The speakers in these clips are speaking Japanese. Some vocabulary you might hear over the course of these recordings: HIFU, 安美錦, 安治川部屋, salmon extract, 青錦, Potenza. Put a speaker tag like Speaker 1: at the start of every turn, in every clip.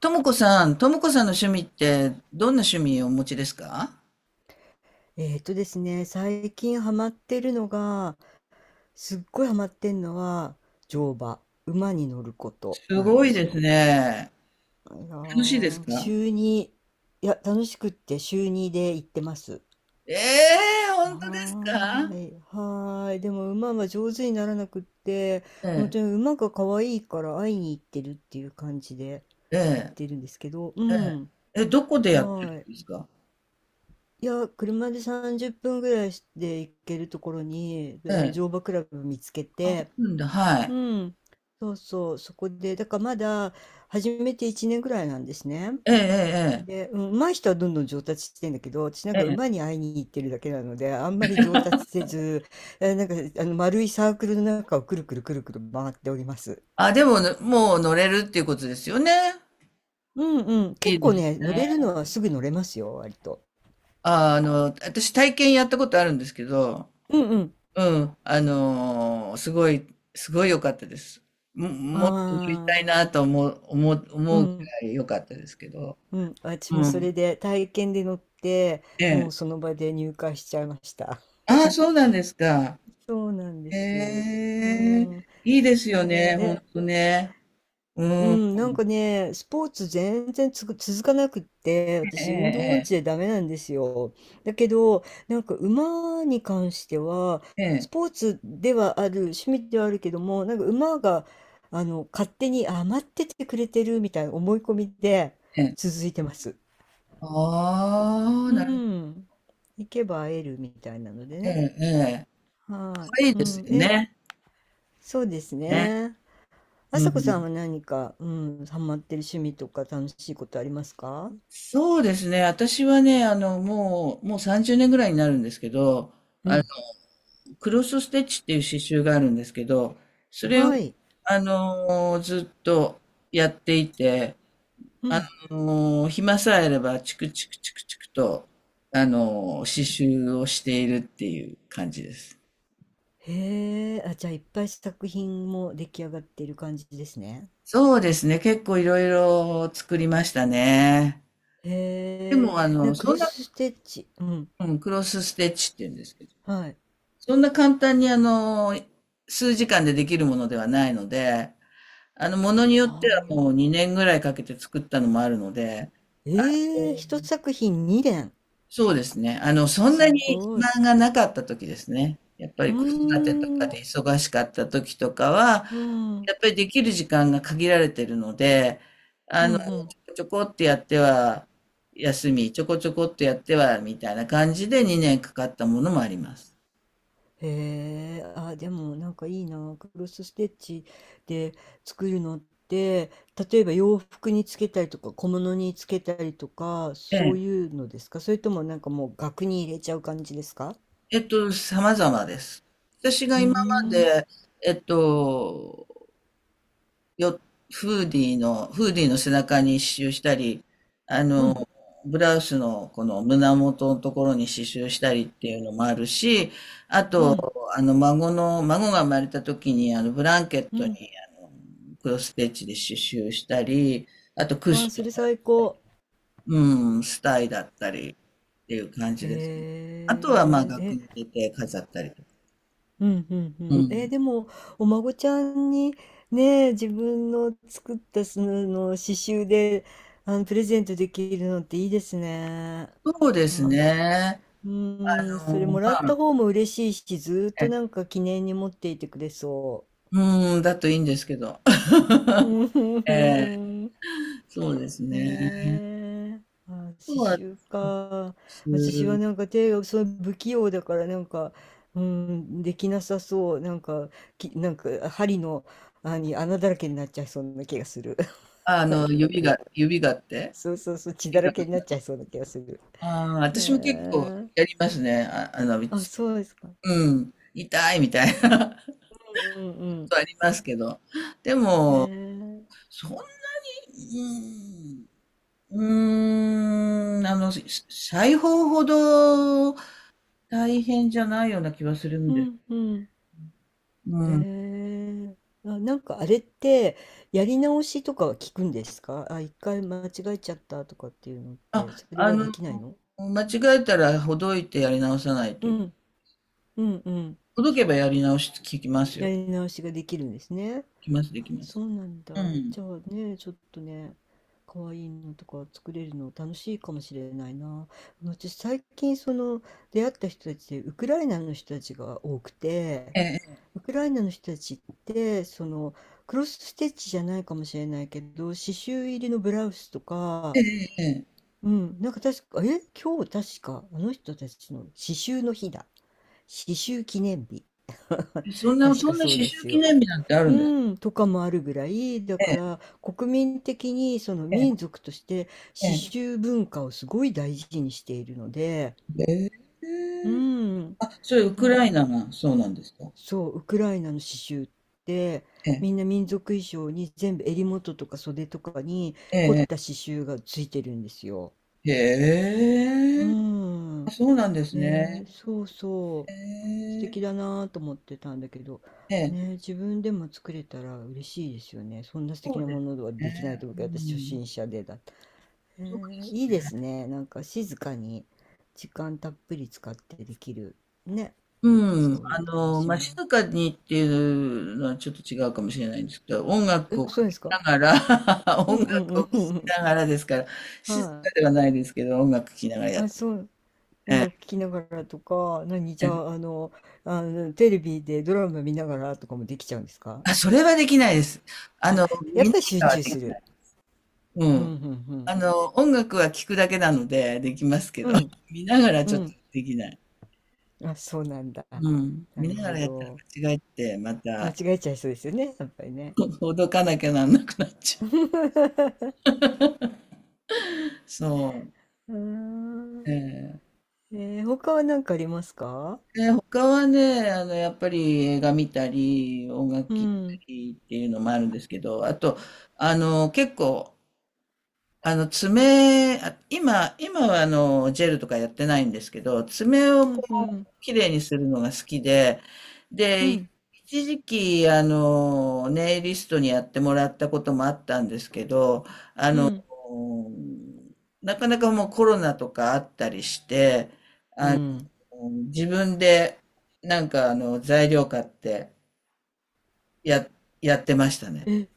Speaker 1: ともこさん、ともこさんの趣味って、どんな趣味をお持ちですか？
Speaker 2: えーとですね、最近ハマってるのが、すっごいハマってんのは、乗馬、馬に乗ること
Speaker 1: す
Speaker 2: なん
Speaker 1: ご
Speaker 2: で
Speaker 1: い
Speaker 2: す
Speaker 1: です
Speaker 2: よ。
Speaker 1: ね。
Speaker 2: いや
Speaker 1: 楽しいで
Speaker 2: ー、な
Speaker 1: す
Speaker 2: んか
Speaker 1: か？
Speaker 2: 週に、いや、楽しくって週にで行ってます。
Speaker 1: ええー、本当で
Speaker 2: は
Speaker 1: すか？
Speaker 2: ーい、はーい。でも馬は上手にならなくって、
Speaker 1: え
Speaker 2: 本
Speaker 1: え、
Speaker 2: 当に馬が可愛いから会いに行ってるっていう感じで
Speaker 1: え
Speaker 2: 行っ
Speaker 1: え、
Speaker 2: てるんですけど、う
Speaker 1: え
Speaker 2: ん、
Speaker 1: え。え、どこでやって
Speaker 2: は
Speaker 1: る
Speaker 2: ー
Speaker 1: ん
Speaker 2: い。
Speaker 1: ですか？
Speaker 2: いや、車で30分ぐらいで行けるところに、あ
Speaker 1: え
Speaker 2: の
Speaker 1: え。
Speaker 2: 乗馬クラブ見つけ
Speaker 1: あ、
Speaker 2: て、
Speaker 1: うんだ、は
Speaker 2: う
Speaker 1: い。
Speaker 2: ん、そうそう、そこで、だからまだ始めて1年ぐらいなんですね。
Speaker 1: ええ、
Speaker 2: で、うん、上手い人はどんどん上達してんだけど、私なん
Speaker 1: ええ、
Speaker 2: か
Speaker 1: ええ。え
Speaker 2: 馬
Speaker 1: え、
Speaker 2: に会いに行ってるだけなので、あんまり上達せず、なんかあの丸いサークルの中をくるくるくるくる回っております。
Speaker 1: あ、でも、もう乗れるっていうことですよね。
Speaker 2: うんうん、
Speaker 1: い
Speaker 2: 結
Speaker 1: い
Speaker 2: 構
Speaker 1: です
Speaker 2: ね、乗
Speaker 1: ね。
Speaker 2: れるのはすぐ乗れますよ、割と。
Speaker 1: ああの、私体験やったことあるんですけど、
Speaker 2: うんうん。
Speaker 1: うん、すごい、すごい良かったです。も、
Speaker 2: あ
Speaker 1: もっと乗りた
Speaker 2: あ、
Speaker 1: いなと思う、思う、
Speaker 2: う
Speaker 1: 思うく
Speaker 2: ん。
Speaker 1: らい良かったですけど。
Speaker 2: うん、私
Speaker 1: う
Speaker 2: もそ
Speaker 1: ん。
Speaker 2: れで体験で乗って、
Speaker 1: え
Speaker 2: も
Speaker 1: え。
Speaker 2: うその場で入会しちゃいました。
Speaker 1: ああ、そうなんですか。
Speaker 2: そうなんで
Speaker 1: へ
Speaker 2: す。う
Speaker 1: え、
Speaker 2: ん、
Speaker 1: いいですよ
Speaker 2: え
Speaker 1: ね、
Speaker 2: ー
Speaker 1: ほん
Speaker 2: え、
Speaker 1: とね。
Speaker 2: う
Speaker 1: うん。
Speaker 2: ん、なんかね、スポーツ全然つく続かなくって、
Speaker 1: え
Speaker 2: 私運動音
Speaker 1: え、
Speaker 2: 痴でダメなんですよ。だけど、なんか馬に関しては、
Speaker 1: え
Speaker 2: ス
Speaker 1: え、
Speaker 2: ポーツではある、趣味ではあるけども、なんか馬が、勝手に余っててくれてるみたいな思い込みで
Speaker 1: ええ、ええ。
Speaker 2: 続いてます。
Speaker 1: ああ、
Speaker 2: う
Speaker 1: なる、
Speaker 2: ん。行けば会えるみたいなので
Speaker 1: え
Speaker 2: ね。
Speaker 1: え、ええ。
Speaker 2: は
Speaker 1: かいい
Speaker 2: い。う
Speaker 1: です
Speaker 2: ん。
Speaker 1: よ
Speaker 2: え、
Speaker 1: ね。
Speaker 2: そうです
Speaker 1: ね。
Speaker 2: ね。あ
Speaker 1: う
Speaker 2: さこさん
Speaker 1: ん。
Speaker 2: は何か、ハマってる趣味とか楽しいことありますか？
Speaker 1: そうですね。私はね、もう30年ぐらいになるんですけど、
Speaker 2: うん。
Speaker 1: クロスステッチっていう刺繍があるんですけど、それを、
Speaker 2: はい。
Speaker 1: ずっとやっていて、
Speaker 2: う
Speaker 1: あ
Speaker 2: ん。
Speaker 1: 暇さえあれば、チクチクチクチクと、刺繍をしているっていう感じです。
Speaker 2: へえ。あ、じゃあいっぱい作品も出来上がっている感じですね。
Speaker 1: そうですね。結構いろいろ作りましたね。で
Speaker 2: へえ。
Speaker 1: も、
Speaker 2: ク
Speaker 1: そ
Speaker 2: ロ
Speaker 1: んな、
Speaker 2: スステッチ。うん。
Speaker 1: うん、クロスステッチって言うんですけど、
Speaker 2: はい。
Speaker 1: そんな簡単に、数時間でできるものではないので、ものによ
Speaker 2: は
Speaker 1: ってはもう
Speaker 2: あ。
Speaker 1: 2年ぐらいかけて作ったのもあるので、
Speaker 2: ええ、一作品二連。
Speaker 1: そうですね。そんな
Speaker 2: す
Speaker 1: に
Speaker 2: ご
Speaker 1: 暇
Speaker 2: い。
Speaker 1: がなかった時ですね。やっぱ
Speaker 2: う
Speaker 1: り子育てとか
Speaker 2: ーん。
Speaker 1: で忙しかった時とかは、
Speaker 2: うん。うん
Speaker 1: やっぱりできる時間が限られてるので、
Speaker 2: う
Speaker 1: ちょ
Speaker 2: ん。
Speaker 1: こちょこってやっては休み、ちょこちょこってやってはみたいな感じで2年かかったものもあります。
Speaker 2: へえ、あ、でもなんかいいな、クロスステッチで作るのって、例えば洋服につけたりとか小物につけたりとか、
Speaker 1: え
Speaker 2: そ
Speaker 1: え、
Speaker 2: ういうのですか？それともなんかもう額に入れちゃう感じですか？
Speaker 1: 様々です。私が
Speaker 2: うー
Speaker 1: 今ま
Speaker 2: ん、
Speaker 1: で、えっと、よ、フーディーの背中に刺繍したり、あ
Speaker 2: う
Speaker 1: の、
Speaker 2: ん、
Speaker 1: ブラウスのこの胸元のところに刺繍したりっていうのもあるし、あ
Speaker 2: う
Speaker 1: と、
Speaker 2: ん、
Speaker 1: 孫が生まれた時に、ブランケッ
Speaker 2: う
Speaker 1: トに、
Speaker 2: ん。
Speaker 1: あの、クロスステッチで刺繍したり、あとクッ
Speaker 2: あ
Speaker 1: シ
Speaker 2: ー、
Speaker 1: ョ
Speaker 2: それ最高。
Speaker 1: ン、うん、スタイだったりっていう感じですね。あとは、まあ、
Speaker 2: へ
Speaker 1: 額
Speaker 2: え、
Speaker 1: に入れて飾ったりとか。
Speaker 2: うんうんう
Speaker 1: う
Speaker 2: ん。えー
Speaker 1: ん。
Speaker 2: でも、お孫ちゃんにね、自分の作ったその刺繍で、プレゼントできるのっていいですね。
Speaker 1: そうです
Speaker 2: あ、す
Speaker 1: ね。
Speaker 2: う
Speaker 1: あ
Speaker 2: ーん、それも
Speaker 1: ま
Speaker 2: らった
Speaker 1: あ、
Speaker 2: 方も嬉しいし、ずーっと
Speaker 1: え
Speaker 2: なんか記念に持っていてくれそ
Speaker 1: うん、だといいんですけど。
Speaker 2: う。う
Speaker 1: ええ、
Speaker 2: ん。
Speaker 1: そうです
Speaker 2: へ
Speaker 1: ね。
Speaker 2: え、あ、
Speaker 1: そう
Speaker 2: 刺
Speaker 1: は
Speaker 2: 繍か。
Speaker 1: す
Speaker 2: 私はなんか手がその不器用だからなんか、うん、できなさそう。なんか、なんか針の、あに穴だらけになっちゃいそうな気がする。
Speaker 1: あ
Speaker 2: なん
Speaker 1: の、
Speaker 2: とな
Speaker 1: 指が、
Speaker 2: く。
Speaker 1: 指がって。
Speaker 2: そうそうそう、血だ
Speaker 1: 指
Speaker 2: ら
Speaker 1: が、
Speaker 2: けになっちゃいそうな気がする。
Speaker 1: ああ、
Speaker 2: へ
Speaker 1: 私も結構
Speaker 2: え、
Speaker 1: やりますね。あ、
Speaker 2: あ、そうですか。
Speaker 1: うん、痛いみたいな こ
Speaker 2: うんうん
Speaker 1: とありますけど。で
Speaker 2: うん。
Speaker 1: も、
Speaker 2: へえ、
Speaker 1: そんなに、うん、うーん、し裁縫ほど大変じゃないような気はするん
Speaker 2: う
Speaker 1: で。
Speaker 2: んうん。
Speaker 1: う
Speaker 2: へ
Speaker 1: ん。
Speaker 2: え。あ、なんかあれって、やり直しとかは聞くんですかあ、一回間違えちゃったとかっていうのって、
Speaker 1: あ、
Speaker 2: それはできないの？
Speaker 1: 間違えたらほどいてやり直さないと
Speaker 2: う
Speaker 1: いけない。
Speaker 2: ん、うん、うん。
Speaker 1: ほどけばやり直し聞きます
Speaker 2: や
Speaker 1: よ。
Speaker 2: り直しができるんですね。
Speaker 1: きます、で
Speaker 2: あ、
Speaker 1: きます。
Speaker 2: そうなん
Speaker 1: う
Speaker 2: だ。
Speaker 1: ん。
Speaker 2: じゃあね、ちょっとね、可愛いのとか作れるの楽しいかもしれないな。私最近その出会った人たちでウクライナの人たちが多くて、
Speaker 1: ええ、
Speaker 2: ウクライナの人たちってそのクロスステッチじゃないかもしれないけど刺繍入りのブラウスとか、
Speaker 1: ええ、ええ。え
Speaker 2: うん、なんか確か今日確かあの人たちの刺繍の日だ刺繍記念日
Speaker 1: え、
Speaker 2: 確
Speaker 1: そ
Speaker 2: か
Speaker 1: んな
Speaker 2: そう
Speaker 1: 刺
Speaker 2: で
Speaker 1: 繍
Speaker 2: す
Speaker 1: 記
Speaker 2: よ。
Speaker 1: 念日なんてあるんです？
Speaker 2: うん、とかもあるぐらいだか
Speaker 1: え
Speaker 2: ら国民的にその
Speaker 1: え、え
Speaker 2: 民族として刺
Speaker 1: え、
Speaker 2: 繍文化をすごい大事にしているので、
Speaker 1: ええ。
Speaker 2: う
Speaker 1: ええ。
Speaker 2: ん、
Speaker 1: あ、それウ
Speaker 2: な
Speaker 1: ク
Speaker 2: ん
Speaker 1: ライ
Speaker 2: か
Speaker 1: ナがそうなんですか。
Speaker 2: そう、ウクライナの刺繍って
Speaker 1: え
Speaker 2: みん
Speaker 1: え、
Speaker 2: な民族衣装に全部襟元とか袖とかに
Speaker 1: え
Speaker 2: 凝っ
Speaker 1: え、
Speaker 2: た刺繍がついてるんですよ。
Speaker 1: ええ。
Speaker 2: う
Speaker 1: へえ。
Speaker 2: ん。
Speaker 1: あ、そうなんです
Speaker 2: ね
Speaker 1: ね。
Speaker 2: え、そうそ
Speaker 1: へ
Speaker 2: う。素
Speaker 1: え。
Speaker 2: 敵だなぁと思ってたんだけど、
Speaker 1: え
Speaker 2: ね
Speaker 1: え、
Speaker 2: え、自分でも作れたら嬉しいですよね。そんな素敵
Speaker 1: そう
Speaker 2: な
Speaker 1: で
Speaker 2: も
Speaker 1: す
Speaker 2: のはできない
Speaker 1: ね。
Speaker 2: と思
Speaker 1: う
Speaker 2: うけど、私初
Speaker 1: ん。
Speaker 2: 心者でだった。
Speaker 1: そうで
Speaker 2: えー
Speaker 1: す
Speaker 2: いい
Speaker 1: ね。
Speaker 2: ですね。なんか静かに時間たっぷり使ってできるね。
Speaker 1: うん。
Speaker 2: そういう楽し
Speaker 1: まあ、
Speaker 2: みも。
Speaker 1: 静かにっていうのはちょっと違うかもしれないんですけど、音楽
Speaker 2: え、
Speaker 1: をか
Speaker 2: そうで
Speaker 1: け
Speaker 2: すか。
Speaker 1: ながら
Speaker 2: う
Speaker 1: 音
Speaker 2: んう
Speaker 1: 楽を
Speaker 2: ん
Speaker 1: 聴
Speaker 2: う
Speaker 1: き
Speaker 2: んうん。
Speaker 1: ながらですから、静か
Speaker 2: はい。
Speaker 1: ではないですけど、音楽聴きながらやっ
Speaker 2: あ、
Speaker 1: て
Speaker 2: そう、音楽聴きながらとか、何、じゃ
Speaker 1: るね。
Speaker 2: あ、あの、テレビでドラマ見ながらとかもできちゃうんですか？
Speaker 1: あ、それはできないです。あ
Speaker 2: あ、
Speaker 1: の、
Speaker 2: や
Speaker 1: 見
Speaker 2: っ
Speaker 1: な
Speaker 2: ぱり集
Speaker 1: がらは
Speaker 2: 中
Speaker 1: でき
Speaker 2: す
Speaker 1: な
Speaker 2: る。
Speaker 1: い。う
Speaker 2: うん、う
Speaker 1: ん。
Speaker 2: ん、
Speaker 1: 音楽は聴くだけなのでできますけ
Speaker 2: う
Speaker 1: ど、
Speaker 2: ん。
Speaker 1: 見ながら
Speaker 2: う
Speaker 1: ち
Speaker 2: ん、
Speaker 1: ょっ
Speaker 2: う
Speaker 1: と
Speaker 2: ん。
Speaker 1: できない。
Speaker 2: あ、そうなんだ。
Speaker 1: うん。
Speaker 2: な
Speaker 1: 見
Speaker 2: る
Speaker 1: なが
Speaker 2: ほ
Speaker 1: らやったら
Speaker 2: ど。
Speaker 1: 間違えて、ま
Speaker 2: 間違
Speaker 1: た、
Speaker 2: えちゃいそうですよね、やっぱりね。
Speaker 1: ほどかなきゃなんなくなっちゃ う。そう。
Speaker 2: うーん。
Speaker 1: ええ
Speaker 2: 他は何かありますか？
Speaker 1: 他はね、やっぱり映画見たり、音楽
Speaker 2: う
Speaker 1: 聴いた
Speaker 2: ん、
Speaker 1: りっていうのもあるんですけど、あと、結構、爪、あ今、今はジェルとかやってないんですけど、爪を
Speaker 2: う
Speaker 1: こ
Speaker 2: ん、うん、
Speaker 1: う、綺麗にするのが好きで、
Speaker 2: う
Speaker 1: で、
Speaker 2: ん、
Speaker 1: 一時期、ネイリストにやってもらったこともあったんですけど、
Speaker 2: うん。
Speaker 1: うんなかなかもうコロナとかあったりして、
Speaker 2: うん
Speaker 1: うん自分で、なんか材料買って、や、やってましたね。
Speaker 2: え、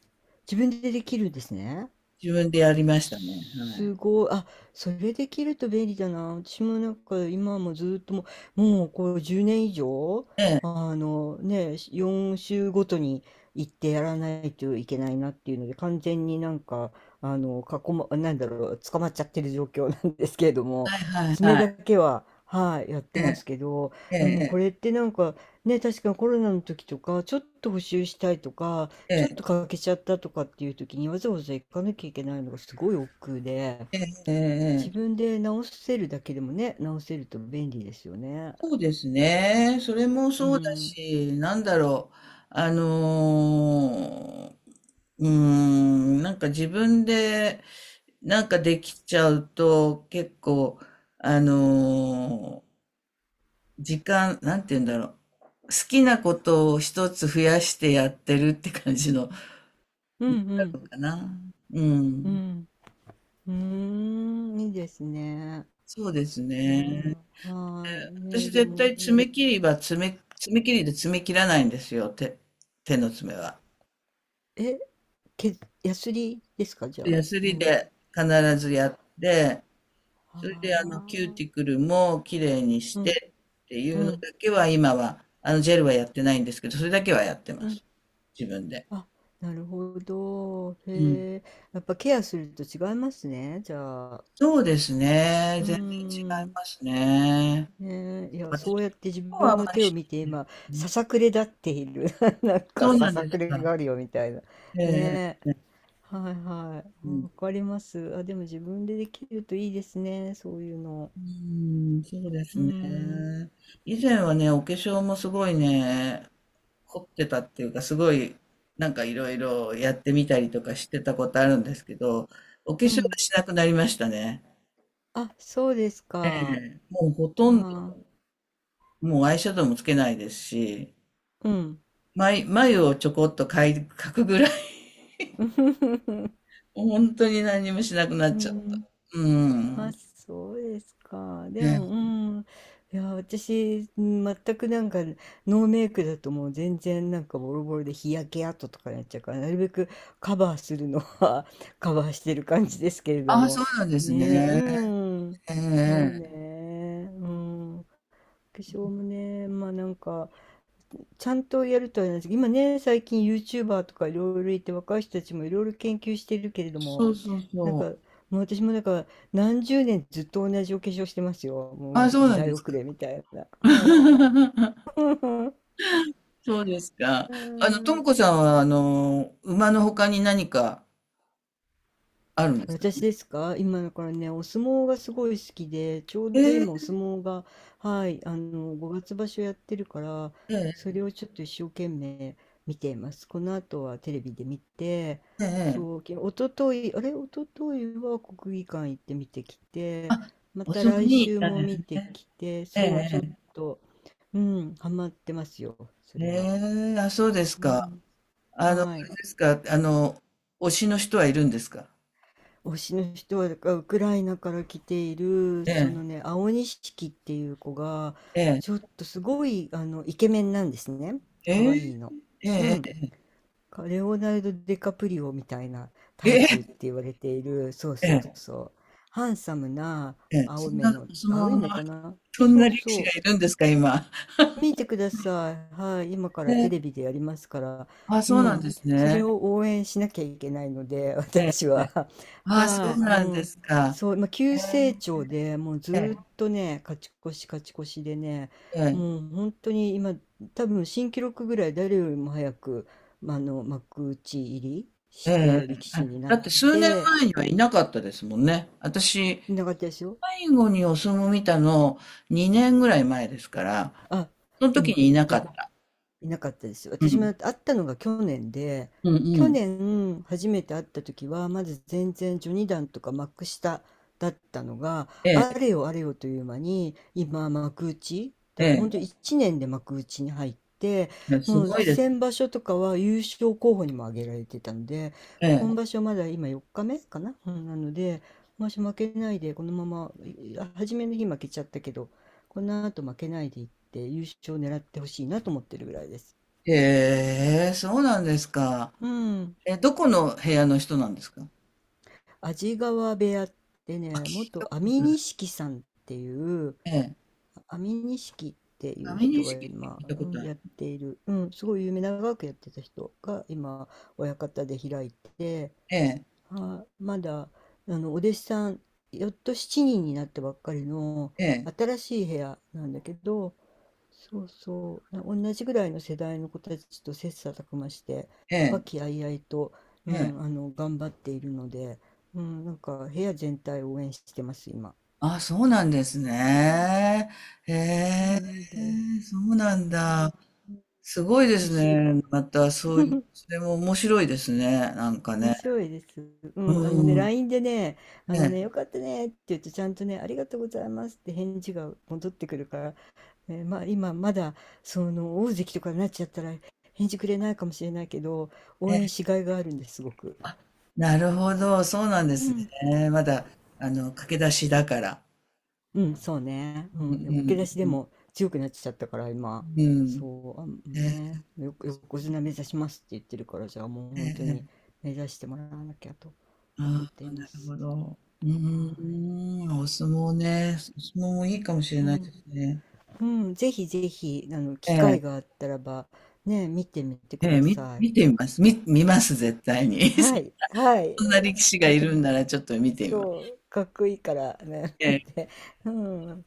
Speaker 2: 自分でできるんですね。
Speaker 1: 自分でやりましたね。はい。
Speaker 2: すごい。あ、それできると便利だな。私もなんか今もずっともう、もうこう10年以上、
Speaker 1: ええ、
Speaker 2: あのね、4週ごとに行ってやらないといけないなっていうので、完全になんか、なんだろう、捕まっちゃってる状況なんですけれども、
Speaker 1: は
Speaker 2: 爪だ
Speaker 1: い。
Speaker 2: けは、はい、やって
Speaker 1: え
Speaker 2: ますけど、
Speaker 1: え、え
Speaker 2: でもこ
Speaker 1: え、
Speaker 2: れってなんかね、確かコロナの時とか、ちょっと補修したいとか、
Speaker 1: え
Speaker 2: ちょっと
Speaker 1: え、
Speaker 2: 欠けちゃったとかっていう時にわざわざ行かなきゃいけないのがすごい億劫で、
Speaker 1: ええ、ええ、
Speaker 2: 自分で直せるだけでもね、直せると便利ですよね。
Speaker 1: そうですね。それも
Speaker 2: う
Speaker 1: そうだ
Speaker 2: ん。
Speaker 1: し、なんだろう。あのーうーん、なんか自分で、なんかできちゃうと、結構、あのー時間、なんて言うんだろう。好きなことを一つ増やしてやってるって感じの、
Speaker 2: うんうん。
Speaker 1: かな。う
Speaker 2: う
Speaker 1: ん。
Speaker 2: ん。うーん。いいですね。
Speaker 1: そうです
Speaker 2: いやー、
Speaker 1: ね。
Speaker 2: はーい。メ
Speaker 1: 私
Speaker 2: ール
Speaker 1: 絶
Speaker 2: も
Speaker 1: 対
Speaker 2: や、
Speaker 1: 爪切りは爪、爪切りで爪切らないんですよ、手、手の爪は。
Speaker 2: え、け、ヤスリですかじゃあ、
Speaker 1: ヤスリ
Speaker 2: 何
Speaker 1: で必ずやって、
Speaker 2: あ
Speaker 1: それでキュー
Speaker 2: あ、
Speaker 1: ティクルも綺麗にし
Speaker 2: うん、
Speaker 1: てってい
Speaker 2: う
Speaker 1: うのだ
Speaker 2: ん、
Speaker 1: けは今は、ジェルはやってないんですけど、それだけはやって
Speaker 2: う
Speaker 1: ま
Speaker 2: ん。
Speaker 1: す。自分で。
Speaker 2: あ、なるほど。
Speaker 1: うん。
Speaker 2: へえ。やっぱケアすると違いますね。じゃあ。
Speaker 1: そうですね。
Speaker 2: うー
Speaker 1: 全然違い
Speaker 2: ん。
Speaker 1: ますね。
Speaker 2: ねえ、いや、
Speaker 1: 私
Speaker 2: そうやって自
Speaker 1: の方は
Speaker 2: 分
Speaker 1: あん
Speaker 2: の
Speaker 1: まり
Speaker 2: 手を
Speaker 1: し
Speaker 2: 見て
Speaker 1: ないです
Speaker 2: 今、
Speaker 1: けど
Speaker 2: さ
Speaker 1: ね。
Speaker 2: さくれ立っている。なんか
Speaker 1: そう
Speaker 2: さ
Speaker 1: なん
Speaker 2: さ
Speaker 1: で
Speaker 2: く
Speaker 1: す
Speaker 2: れ
Speaker 1: か。
Speaker 2: があるよみたいな。
Speaker 1: ええ、
Speaker 2: ねえ、
Speaker 1: ええ、
Speaker 2: はいは
Speaker 1: う
Speaker 2: い。
Speaker 1: ん。
Speaker 2: わかります。あ、でも自分でできるといいですね、そういうの。
Speaker 1: うーん、そうです
Speaker 2: う
Speaker 1: ね。
Speaker 2: ん、
Speaker 1: 以前はね、お化粧もすごいね、凝ってたっていうか、すごい、なんかいろいろやってみたりとかしてたことあるんですけど、お化
Speaker 2: う
Speaker 1: 粧は
Speaker 2: ん。
Speaker 1: しなくなりましたね。
Speaker 2: あ、そうですか。
Speaker 1: もうほ
Speaker 2: あ
Speaker 1: とんど、
Speaker 2: ー、
Speaker 1: もうアイシャドウもつけないですし、
Speaker 2: うん。
Speaker 1: 眉をちょこっと描くぐらい 本当に何にもしなくなっ
Speaker 2: う
Speaker 1: ちゃった。
Speaker 2: ん。
Speaker 1: う
Speaker 2: あ、
Speaker 1: ん。
Speaker 2: そうですか。
Speaker 1: え
Speaker 2: でも、う
Speaker 1: え。
Speaker 2: ん。いや、私、全くなんか、ノーメイクだともう全然なんかボロボロで日焼け跡とかになっちゃうから、なるべくカバーするのは カバーしてる感じですけれど
Speaker 1: ああ、そ
Speaker 2: も。
Speaker 1: うなんです
Speaker 2: ね、う
Speaker 1: ね。
Speaker 2: ん。
Speaker 1: ええ
Speaker 2: そう
Speaker 1: ええ。
Speaker 2: ね。うん。化粧もね、まあなんか、ちゃんとやるとは言わないですけど、今ね、最近 YouTuber とかいろいろいて、若い人たちもいろいろ研究してるけれども、
Speaker 1: そうそう
Speaker 2: なん
Speaker 1: そ
Speaker 2: か、
Speaker 1: う。
Speaker 2: もう私もだから何十年ずっと同じお化粧してますよ。
Speaker 1: あ
Speaker 2: もう
Speaker 1: あ、そう
Speaker 2: 時
Speaker 1: なん
Speaker 2: 代
Speaker 1: ですか。
Speaker 2: 遅れみたいな。はい。
Speaker 1: そうですか。
Speaker 2: う
Speaker 1: とも
Speaker 2: ん。
Speaker 1: こさんは、馬の他に何かあるんですか？
Speaker 2: 私ですか？今だからね、お相撲がすごい好きで、ちょう
Speaker 1: え
Speaker 2: ど
Speaker 1: え、
Speaker 2: 今お相撲が、はい、5月場所やってるから、
Speaker 1: え
Speaker 2: そ
Speaker 1: え
Speaker 2: れをちょっと一生懸命見ています。この後はテレビで見て、
Speaker 1: えええ
Speaker 2: そう、
Speaker 1: え。
Speaker 2: きおととい、あれ、一昨日は国技館行って見てきて、
Speaker 1: あ、
Speaker 2: ま
Speaker 1: お
Speaker 2: た
Speaker 1: 相撲
Speaker 2: 来
Speaker 1: に行っ
Speaker 2: 週
Speaker 1: たん
Speaker 2: も
Speaker 1: で
Speaker 2: 見
Speaker 1: す
Speaker 2: て
Speaker 1: ね。
Speaker 2: きて、
Speaker 1: え
Speaker 2: そう、ちょっ
Speaker 1: え
Speaker 2: と、うん、ハマってますよ、そ
Speaker 1: ええ。
Speaker 2: れは。
Speaker 1: ええ、あ、そうです
Speaker 2: う
Speaker 1: か。
Speaker 2: ん、
Speaker 1: あ
Speaker 2: は
Speaker 1: れ
Speaker 2: い。
Speaker 1: ですか、推しの人はいるんですか？
Speaker 2: 推しの人はだからウクライナから来ている
Speaker 1: え
Speaker 2: そ
Speaker 1: え、
Speaker 2: のね青錦っていう子が
Speaker 1: ええ、
Speaker 2: ちょっとすごいあのイケメンなんですね
Speaker 1: え
Speaker 2: 可愛いの。う
Speaker 1: え、
Speaker 2: ん
Speaker 1: え
Speaker 2: かレオナルド・デカプリオみたいなタイ
Speaker 1: え
Speaker 2: プって
Speaker 1: え、
Speaker 2: 言われているそう
Speaker 1: ええ、
Speaker 2: そう
Speaker 1: ええ。
Speaker 2: そうハンサムな
Speaker 1: ええ、そ
Speaker 2: 青
Speaker 1: ん
Speaker 2: 目
Speaker 1: な
Speaker 2: の
Speaker 1: お相撲の
Speaker 2: 青い
Speaker 1: ま
Speaker 2: 目か
Speaker 1: ま、
Speaker 2: な
Speaker 1: そん
Speaker 2: そ
Speaker 1: な
Speaker 2: う
Speaker 1: 力士
Speaker 2: そ
Speaker 1: が
Speaker 2: う
Speaker 1: いるんですか、今？
Speaker 2: 見てください。はい。今か
Speaker 1: え
Speaker 2: らテレ
Speaker 1: え、
Speaker 2: ビでやりますから。
Speaker 1: あ、
Speaker 2: う
Speaker 1: そうなん
Speaker 2: ん。
Speaker 1: です
Speaker 2: それ
Speaker 1: ね。
Speaker 2: を応援しなきゃいけないので、
Speaker 1: ええ、
Speaker 2: 私は。
Speaker 1: あ、そう
Speaker 2: はい。う
Speaker 1: なんで
Speaker 2: ん。
Speaker 1: すか。
Speaker 2: そう、まあ、
Speaker 1: え
Speaker 2: 急成長でもうず
Speaker 1: え、え
Speaker 2: ーっとね、勝ち越し勝ち越しでね、
Speaker 1: え、ええ、
Speaker 2: もう本当に今、多分新記録ぐらい誰よりも早く、まあ幕内入り
Speaker 1: え
Speaker 2: し
Speaker 1: え
Speaker 2: て力
Speaker 1: あ
Speaker 2: 士にな
Speaker 1: だ
Speaker 2: っ
Speaker 1: って数年
Speaker 2: て、
Speaker 1: 前にはいなかったですもんね。私、
Speaker 2: いなかったですよ。
Speaker 1: 最後にお相撲見たの2年ぐらい前ですから、
Speaker 2: あ、
Speaker 1: その
Speaker 2: う
Speaker 1: 時
Speaker 2: ん。
Speaker 1: にいなかった。
Speaker 2: いなかったです。
Speaker 1: う
Speaker 2: 私
Speaker 1: ん、
Speaker 2: も会ったのが去年で、
Speaker 1: うん、う
Speaker 2: 去
Speaker 1: ん。
Speaker 2: 年初めて会った時は、まず全然序二段とか幕下だったのが、
Speaker 1: え
Speaker 2: あ
Speaker 1: え、
Speaker 2: れよあれよという間に、今幕内、
Speaker 1: え
Speaker 2: だから本
Speaker 1: え、
Speaker 2: 当1年で幕内に入って、
Speaker 1: ええす
Speaker 2: もう
Speaker 1: ごいですね。
Speaker 2: 先場所とかは優勝候補にも挙げられてたので、今
Speaker 1: え
Speaker 2: 場所まだ今4日目かな、うん、なので、もし負けないでこのままい初めの日負けちゃったけどこの後負けないでいって優勝を狙ってほしいなと思ってるぐらいです。
Speaker 1: え、へえそうなんですか。
Speaker 2: うん。
Speaker 1: え、どこの部屋の人なんですか
Speaker 2: 安治川部屋って
Speaker 1: あ、
Speaker 2: ね、
Speaker 1: 聞い
Speaker 2: 元
Speaker 1: たこ
Speaker 2: 安
Speaker 1: と
Speaker 2: 美
Speaker 1: ない。
Speaker 2: 錦さんっていう、
Speaker 1: ええ。
Speaker 2: 安美錦っていう
Speaker 1: 神
Speaker 2: 人
Speaker 1: 錦
Speaker 2: が
Speaker 1: って
Speaker 2: 今、
Speaker 1: 聞いたこと
Speaker 2: うん、
Speaker 1: ある。
Speaker 2: やっている、うん、すごい有名、長くやってた人が今、親方で開いて、
Speaker 1: ええ、
Speaker 2: あ、まだ、お弟子さん、よっと7人にんになったばっかりの
Speaker 1: ええ、
Speaker 2: 新しい部屋なんだけど、そうそう、な同じぐらいの世代の子たちと切磋琢磨して、
Speaker 1: え
Speaker 2: 和
Speaker 1: え、
Speaker 2: 気あいあいと、う
Speaker 1: え
Speaker 2: ん、
Speaker 1: え。
Speaker 2: 頑張っているので、うん、なんか部屋全体を応援してます、今。
Speaker 1: あ、そうなんですね。へ
Speaker 2: そう
Speaker 1: え、
Speaker 2: なんです。
Speaker 1: そうなんだ。
Speaker 2: あ
Speaker 1: すごいで
Speaker 2: も
Speaker 1: す
Speaker 2: し、
Speaker 1: ね。また、そういう、それも面白いですね。なんか
Speaker 2: 面
Speaker 1: ね。
Speaker 2: 白いです。う
Speaker 1: う
Speaker 2: ん、あのね、
Speaker 1: ん。
Speaker 2: LINE でね、あのね、よ
Speaker 1: え
Speaker 2: かったねって言うと、ちゃんとね、ありがとうございますって返事が戻ってくるから、まあ今、まだ、その、大関とかになっちゃったら、返事くれないかもしれないけど、
Speaker 1: え、
Speaker 2: 応
Speaker 1: え
Speaker 2: 援し
Speaker 1: え。
Speaker 2: がいがあるんです、すごく。
Speaker 1: あ、なるほど。そうなんで
Speaker 2: う
Speaker 1: す
Speaker 2: ん
Speaker 1: ね。まだ、駆け出しだから。
Speaker 2: うん、そうね。う
Speaker 1: うん、
Speaker 2: ん、でも、受け出しで
Speaker 1: うん、
Speaker 2: も強くなっちゃったから、今。
Speaker 1: うん。うん。
Speaker 2: そう、あ
Speaker 1: え
Speaker 2: ね、
Speaker 1: え、
Speaker 2: よ、横綱目指しますって言ってるから、じゃあもう
Speaker 1: え
Speaker 2: 本当に
Speaker 1: え。
Speaker 2: 目指してもらわなきゃと思っ
Speaker 1: あ
Speaker 2: て
Speaker 1: あ、
Speaker 2: いま
Speaker 1: なる
Speaker 2: す。
Speaker 1: ほど。う
Speaker 2: は
Speaker 1: ーん、お相撲ね。お相撲もいいかもしれ
Speaker 2: い。う
Speaker 1: ないで
Speaker 2: ん、
Speaker 1: すね。
Speaker 2: うん、ぜひぜひ、機
Speaker 1: ええ、
Speaker 2: 会があったらば、ね、見てみてく
Speaker 1: ええ、
Speaker 2: ださい。
Speaker 1: 見てみます。見ます、絶対に。
Speaker 2: はい、
Speaker 1: そ
Speaker 2: はい。
Speaker 1: んな力士がいるんならちょっと見てみます。
Speaker 2: そう、かっこいいからね。っ
Speaker 1: ええ
Speaker 2: てうん